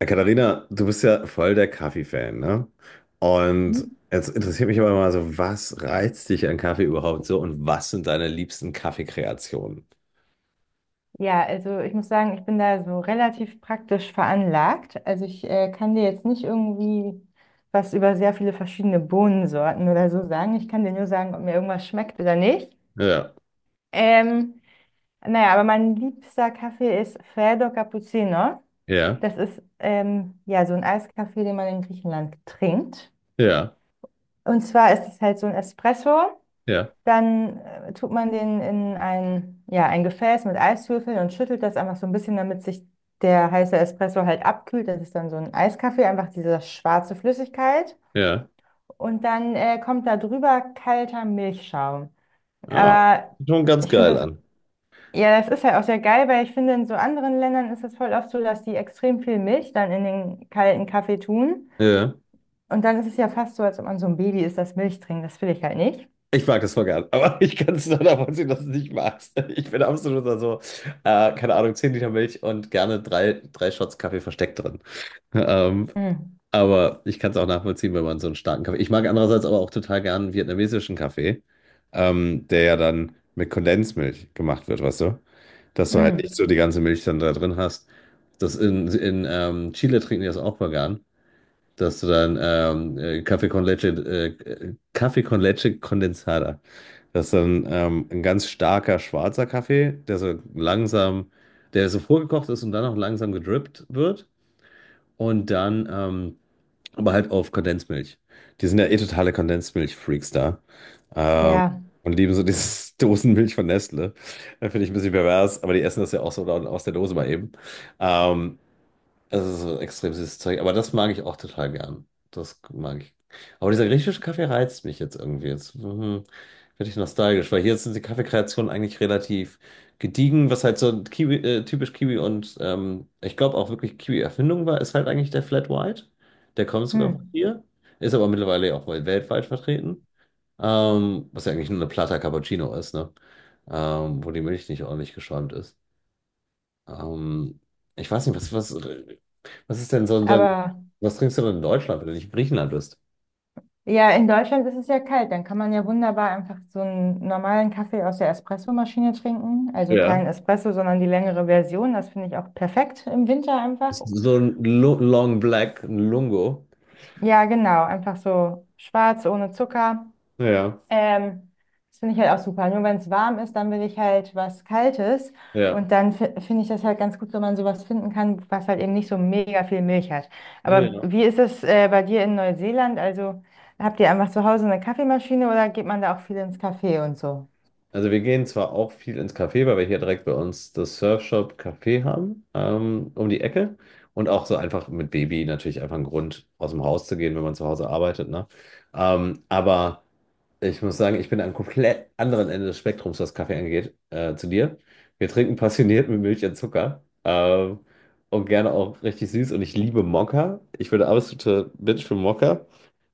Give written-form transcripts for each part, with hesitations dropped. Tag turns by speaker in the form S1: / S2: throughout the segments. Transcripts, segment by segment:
S1: Katharina, du bist ja voll der Kaffee-Fan, ne? Und
S2: Mhm.
S1: jetzt interessiert mich aber mal so, was reizt dich an Kaffee überhaupt so und was sind deine liebsten Kaffeekreationen?
S2: Ja, also ich muss sagen, ich bin da so relativ praktisch veranlagt. Also ich kann dir jetzt nicht irgendwie was über sehr viele verschiedene Bohnensorten oder so sagen. Ich kann dir nur sagen, ob mir irgendwas schmeckt oder nicht.
S1: Ja,
S2: Ähm, naja, aber mein liebster Kaffee ist Freddo Cappuccino.
S1: ja,
S2: Das ist ja so ein Eiskaffee, den man in Griechenland trinkt.
S1: ja,
S2: Und zwar ist es halt so ein Espresso.
S1: ja,
S2: Dann tut man den in ein, ja, ein Gefäß mit Eiswürfeln und schüttelt das einfach so ein bisschen, damit sich der heiße Espresso halt abkühlt. Das ist dann so ein Eiskaffee, einfach diese schwarze Flüssigkeit.
S1: ja.
S2: Und dann kommt da drüber kalter Milchschaum.
S1: Ah,
S2: Aber
S1: sieht schon ganz
S2: ich finde
S1: geil
S2: das,
S1: an.
S2: ja, das ist halt auch sehr geil, weil ich finde, in so anderen Ländern ist es voll oft so, dass die extrem viel Milch dann in den kalten Kaffee tun.
S1: Ja.
S2: Und dann ist es ja fast so, als ob man so ein Baby ist, das Milch trinkt. Das will ich halt nicht.
S1: Ich mag das voll gern, aber ich kann es nur davon sehen, dass du es nicht magst. Ich bin absoluter so, keine Ahnung, 10 Liter Milch und gerne drei Shots Kaffee versteckt drin. Ähm,
S2: Mm,
S1: Aber ich kann es auch nachvollziehen, wenn man so einen starken Kaffee. Ich mag andererseits aber auch total gern vietnamesischen Kaffee, der ja dann mit Kondensmilch gemacht wird, weißt du? Dass du halt nicht
S2: mm,
S1: so die ganze Milch dann da drin hast. Das in Chile trinken die das auch vegan, dass du dann Kaffee con leche Condensada. Das ist dann ein ganz starker schwarzer Kaffee, der so vorgekocht ist und dann auch langsam gedrippt wird und dann aber halt auf Kondensmilch. Die sind ja eh totale Kondensmilch-Freaks da. Ähm,
S2: ja.
S1: und lieben so dieses Dosenmilch von Nestle. Das finde ich ein bisschen pervers, aber die essen das ja auch so dann aus der Dose mal eben. Ähm, Es ist so extrem süßes Zeug, aber das mag ich auch total gern. Das mag ich. Aber dieser griechische Kaffee reizt mich jetzt irgendwie. Jetzt werde ich nostalgisch, weil hier sind die Kaffeekreationen eigentlich relativ gediegen, was halt so Kiwi, typisch Kiwi und ich glaube auch wirklich Kiwi-Erfindung war, ist halt eigentlich der Flat White. Der kommt sogar von
S2: Mm.
S1: hier, ist aber mittlerweile auch wohl weltweit vertreten. Was ja eigentlich nur eine Plata Cappuccino ist, ne? Wo die Milch nicht ordentlich geschäumt ist. Ähm, ich weiß nicht, was, was, was ist denn so ein, dein-
S2: Aber
S1: was trinkst du denn in Deutschland, wenn du nicht in Griechenland bist?
S2: ja, in Deutschland ist es ja kalt. Dann kann man ja wunderbar einfach so einen normalen Kaffee aus der Espressomaschine trinken. Also kein
S1: Ja,
S2: Espresso, sondern die längere Version. Das finde ich auch perfekt im Winter einfach.
S1: so ein Long Black, ein Lungo.
S2: Ja, genau. Einfach so schwarz, ohne Zucker.
S1: Ja,
S2: Ähm, das finde ich halt auch super. Nur wenn es warm ist, dann will ich halt was Kaltes.
S1: ja.
S2: Und dann finde ich das halt ganz gut, wenn man sowas finden kann, was halt eben nicht so mega viel Milch hat. Aber
S1: Ja.
S2: wie ist es bei dir in Neuseeland? Also habt ihr einfach zu Hause eine Kaffeemaschine oder geht man da auch viel ins Café und so?
S1: Also wir gehen zwar auch viel ins Café, weil wir hier direkt bei uns das Surfshop Café haben, um die Ecke. Und auch so einfach mit Baby natürlich einfach ein Grund, aus dem Haus zu gehen, wenn man zu Hause arbeitet, ne? Aber ich muss sagen, ich bin am komplett anderen Ende des Spektrums, was Kaffee angeht, zu dir. Wir trinken passioniert mit Milch und Zucker. Und gerne auch richtig süß. Und ich liebe Mokka. Ich bin der absolute Bitch für Mokka.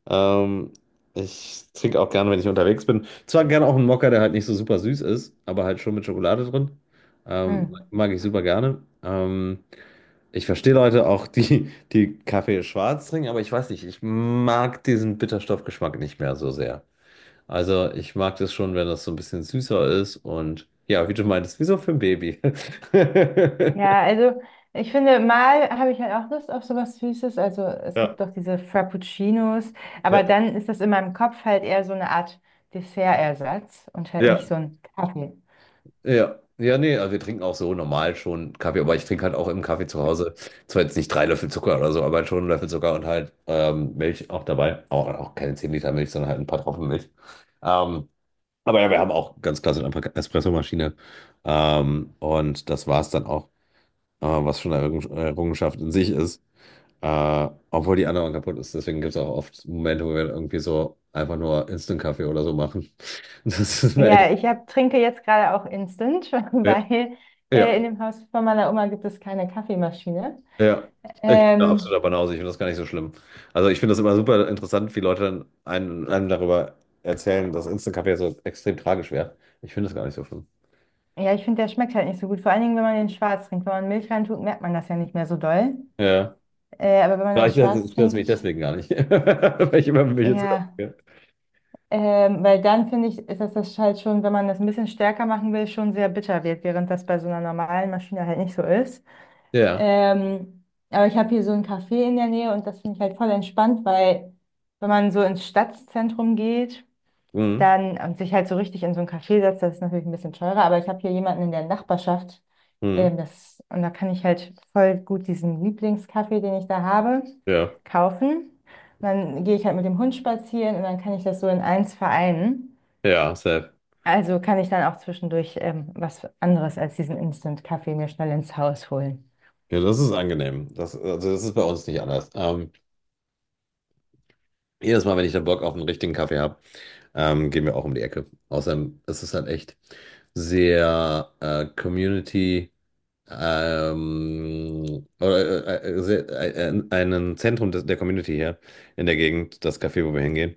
S1: Ähm, Ich trinke auch gerne, wenn ich unterwegs bin. Zwar gerne auch einen Mokka, der halt nicht so super süß ist, aber halt schon mit Schokolade drin.
S2: Hm.
S1: Mag ich super gerne. Ich verstehe Leute auch, die Kaffee schwarz trinken, aber ich weiß nicht, ich mag diesen Bitterstoffgeschmack nicht mehr so sehr. Also ich mag das schon, wenn das so ein bisschen süßer ist und ja, wie du meintest, wie so für ein Baby.
S2: Ja, also ich finde, mal habe ich halt auch Lust auf sowas Süßes. Also es
S1: Ja,
S2: gibt doch diese Frappuccinos, aber
S1: ja,
S2: dann ist das in meinem Kopf halt eher so eine Art Dessertersatz und halt nicht
S1: ja.
S2: so ein Kaffee.
S1: Ja, ja, nee, also wir trinken auch so normal schon Kaffee, aber ich trinke halt auch im Kaffee zu Hause. Zwar jetzt nicht 3 Löffel Zucker oder so, aber halt schon einen Löffel Zucker und halt Milch auch dabei. Auch keine 10 Liter Milch, sondern halt ein paar Tropfen Milch. Ähm, aber ja, wir haben auch ganz klassisch einfach Espressomaschine. Und das war es dann auch, was schon eine Errungenschaft in sich ist. Obwohl die andere kaputt ist, deswegen gibt es auch oft Momente, wo wir irgendwie so einfach nur Instant-Kaffee oder so machen. Das ist mir echt.
S2: Ja, trinke jetzt gerade auch Instant,
S1: Ja.
S2: weil
S1: Ja,
S2: in dem Haus von meiner Oma gibt es keine Kaffeemaschine.
S1: ja, ich bin da
S2: Ähm,
S1: absoluter Banause, ich finde das gar nicht so schlimm. Also ich finde das immer super interessant, wie Leute dann einem darüber erzählen, dass Instant Kaffee so extrem tragisch wäre. Ich finde das gar nicht so schlimm.
S2: ja, ich finde, der schmeckt halt nicht so gut. Vor allen Dingen, wenn man den schwarz trinkt. Wenn man Milch reintut, merkt man das ja nicht mehr so doll.
S1: Ja.
S2: Aber wenn man
S1: Vielleicht
S2: das schwarz
S1: stört es mich
S2: trinkt,
S1: deswegen gar nicht. Weil ich immer mit mir.
S2: ja, weil dann finde ich, ist das halt schon, wenn man das ein bisschen stärker machen will, schon sehr bitter wird, während das bei so einer normalen Maschine halt nicht so ist.
S1: Ja.
S2: Ähm, aber ich habe hier so ein Café in der Nähe und das finde ich halt voll entspannt, weil wenn man so ins Stadtzentrum geht,
S1: Mhm.
S2: dann und sich halt so richtig in so ein Café setzt, das ist natürlich ein bisschen teurer, aber ich habe hier jemanden in der Nachbarschaft,
S1: Mhm.
S2: und da kann ich halt voll gut diesen Lieblingskaffee, den ich da habe,
S1: Ja.
S2: kaufen. Und dann gehe ich halt mit dem Hund spazieren und dann kann ich das so in eins vereinen.
S1: Ja, safe.
S2: Also kann ich dann auch zwischendurch was anderes als diesen Instant-Kaffee mir schnell ins Haus holen.
S1: Ja, das ist angenehm. Das, also das ist bei uns nicht anders. Jedes Mal, wenn ich dann Bock auf einen richtigen Kaffee habe, gehen wir auch um die Ecke. Außerdem ist es halt echt sehr Community. Oder, einen Zentrum des, der Community hier in der Gegend, das Café, wo wir hingehen.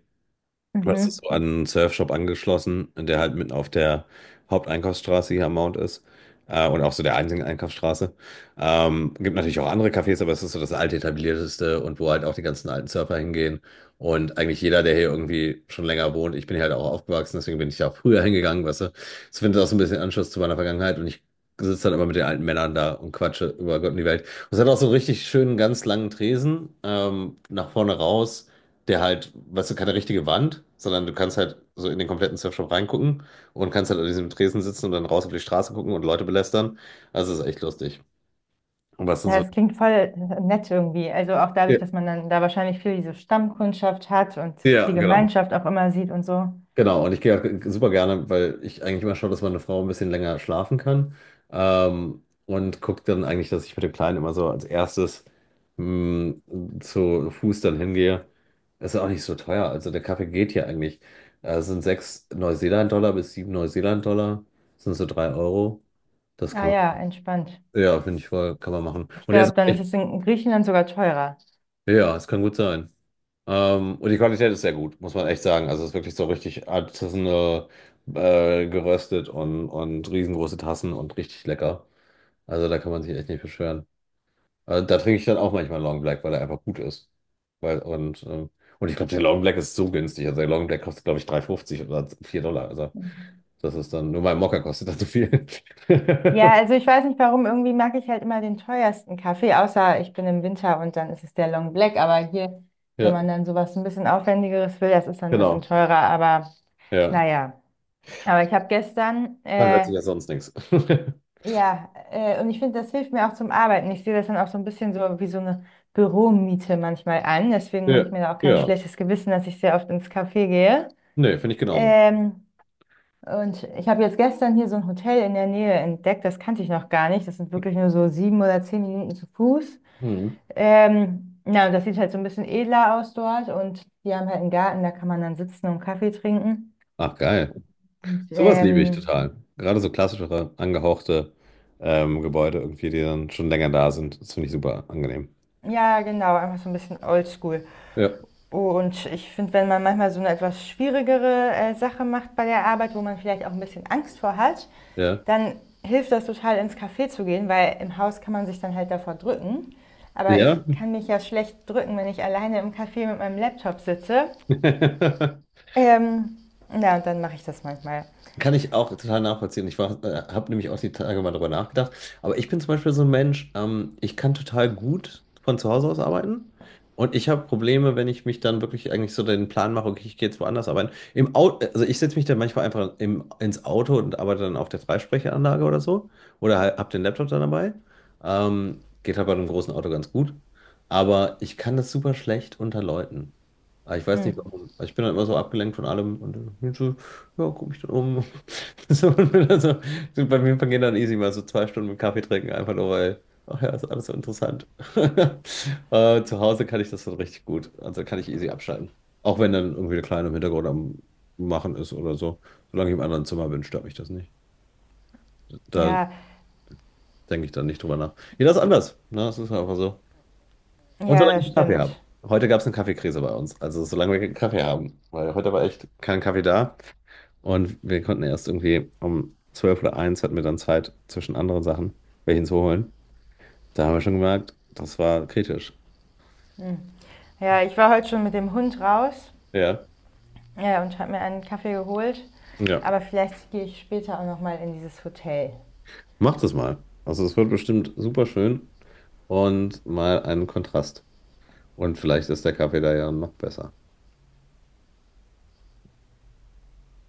S1: Das
S2: Mhm.
S1: ist so an einen Surfshop angeschlossen, der halt mitten auf der Haupteinkaufsstraße hier am Mount ist. Und auch so der einzigen Einkaufsstraße. Gibt natürlich auch andere Cafés, aber es ist so das alte etablierteste und wo halt auch die ganzen alten Surfer hingehen. Und eigentlich jeder, der hier irgendwie schon länger wohnt, ich bin hier halt auch aufgewachsen, deswegen bin ich da auch früher hingegangen, weißt du. Ich finde das findet auch so ein bisschen Anschluss zu meiner Vergangenheit und ich sitze dann immer mit den alten Männern da und quatsche über Gott und die Welt. Und es hat auch so einen richtig schönen, ganz langen Tresen, nach vorne raus der halt, weißt du, keine richtige Wand, sondern du kannst halt so in den kompletten Surfshop reingucken und kannst halt an diesem Tresen sitzen und dann raus auf die Straße gucken und Leute belästern. Also das ist echt lustig. Und was sind
S2: Ja,
S1: so.
S2: es klingt voll nett irgendwie. Also auch
S1: Ja,
S2: dadurch, dass man dann da wahrscheinlich viel diese Stammkundschaft hat und
S1: ja,
S2: die
S1: genau.
S2: Gemeinschaft auch immer sieht und so.
S1: Genau, und ich gehe auch super gerne, weil ich eigentlich immer schaue, dass meine Frau ein bisschen länger schlafen kann. Und gucke dann eigentlich, dass ich mit dem Kleinen immer so als erstes mh, zu Fuß dann hingehe. Ist ja auch nicht so teuer. Also der Kaffee geht hier eigentlich. Es sind 6 Neuseeland-Dollar bis 7 Neuseeland-Dollar. Das sind so 3 Euro. Das
S2: Ah
S1: kann
S2: ja,
S1: man.
S2: entspannt.
S1: Ja, finde ich voll, kann man machen.
S2: Ich
S1: Und er ist
S2: glaube, dann ist es in Griechenland sogar teurer.
S1: ja, es kann gut sein. Und die Qualität ist sehr gut, muss man echt sagen. Also es ist wirklich so richtig artisanal geröstet und riesengroße Tassen und richtig lecker. Also da kann man sich echt nicht beschweren. Da trinke ich dann auch manchmal Long Black, weil er einfach gut ist. Weil, und, ähm, und ich glaube, der Long Black ist so günstig. Also der Long Black kostet, glaube ich, 3,50 oder 4 Dollar. Also das ist dann, nur mein Mokka kostet dann so viel.
S2: Ja, also ich weiß nicht warum, irgendwie mag ich halt immer den teuersten Kaffee, außer ich bin im Winter und dann ist es der Long Black. Aber hier, wenn
S1: Ja,
S2: man dann sowas ein bisschen aufwendigeres will, das ist dann ein bisschen
S1: genau.
S2: teurer. Aber
S1: Ja.
S2: naja. Aber ich habe gestern,
S1: Man hört sich ja sonst nichts.
S2: ja, und ich finde, das hilft mir auch zum Arbeiten. Ich sehe das dann auch so ein bisschen so wie so eine Büromiete manchmal an. Deswegen mache ich
S1: Ja,
S2: mir da auch kein
S1: ja.
S2: schlechtes Gewissen, dass ich sehr oft ins Café gehe.
S1: Nee, finde ich genauso.
S2: Ähm, und ich habe jetzt gestern hier so ein Hotel in der Nähe entdeckt, das kannte ich noch gar nicht. Das sind wirklich nur so 7 oder 10 Minuten zu Fuß.
S1: Mhm.
S2: Und das sieht halt so ein bisschen edler aus dort. Und die haben halt einen Garten, da kann man dann sitzen und Kaffee trinken.
S1: Ach, geil.
S2: Und,
S1: Sowas liebe ich total. Gerade so klassischere, angehauchte Gebäude, irgendwie, die dann schon länger da sind. Das finde ich super angenehm.
S2: ja, genau, einfach so ein bisschen oldschool.
S1: Ja.
S2: Und ich finde, wenn man manchmal so eine etwas schwierigere Sache macht bei der Arbeit, wo man vielleicht auch ein bisschen Angst vor hat,
S1: Ja.
S2: dann hilft das total ins Café zu gehen, weil im Haus kann man sich dann halt davor drücken. Aber ich
S1: Ja.
S2: kann mich ja schlecht drücken, wenn ich alleine im Café mit meinem Laptop sitze. Ähm, ja, und dann mache ich das manchmal.
S1: Kann ich auch total nachvollziehen. Ich habe nämlich auch die Tage mal drüber nachgedacht. Aber ich bin zum Beispiel so ein Mensch, ich kann total gut von zu Hause aus arbeiten. Und ich habe Probleme, wenn ich mich dann wirklich eigentlich so den Plan mache, okay, ich gehe jetzt woanders arbeiten. Im Auto, also ich setze mich dann manchmal einfach ins Auto und arbeite dann auf der Freisprechanlage oder so. Oder halt, habe den Laptop dann dabei. Geht halt bei einem großen Auto ganz gut. Aber ich kann das super schlecht unter Leuten. Aber ich weiß nicht warum. Also ich bin dann immer so abgelenkt von allem und äh, ja, guck mich dann um. So, und dann so, bei mir vergehen dann easy mal so 2 Stunden mit Kaffee trinken, einfach nur weil, ach ja, ist alles so interessant. Zu Hause kann ich das dann richtig gut. Also kann ich easy abschalten. Auch wenn dann irgendwie der Kleine im Hintergrund am Machen ist oder so. Solange ich im anderen Zimmer bin, stört mich das nicht. Da
S2: Ja,
S1: denke ich dann nicht drüber nach. Jeder ist anders. Ne? Das ist einfach so. Und
S2: ja,
S1: solange
S2: das
S1: ich Kaffee habe.
S2: stimmt.
S1: Heute gab es eine Kaffeekrise bei uns. Also solange wir keinen Kaffee haben. Weil heute war echt kein Kaffee da. Und wir konnten erst irgendwie um 12 oder 1 hatten wir dann Zeit zwischen anderen Sachen, welchen zu holen. Da haben wir schon gemerkt, das war kritisch.
S2: Hm. Ja, ich war heute schon mit dem Hund raus,
S1: Ja.
S2: ja, und habe mir einen Kaffee geholt.
S1: Ja.
S2: Aber vielleicht gehe ich später auch nochmal in dieses Hotel.
S1: Macht es mal. Also es wird bestimmt super schön und mal einen Kontrast. Und vielleicht ist der Kaffee da ja noch besser.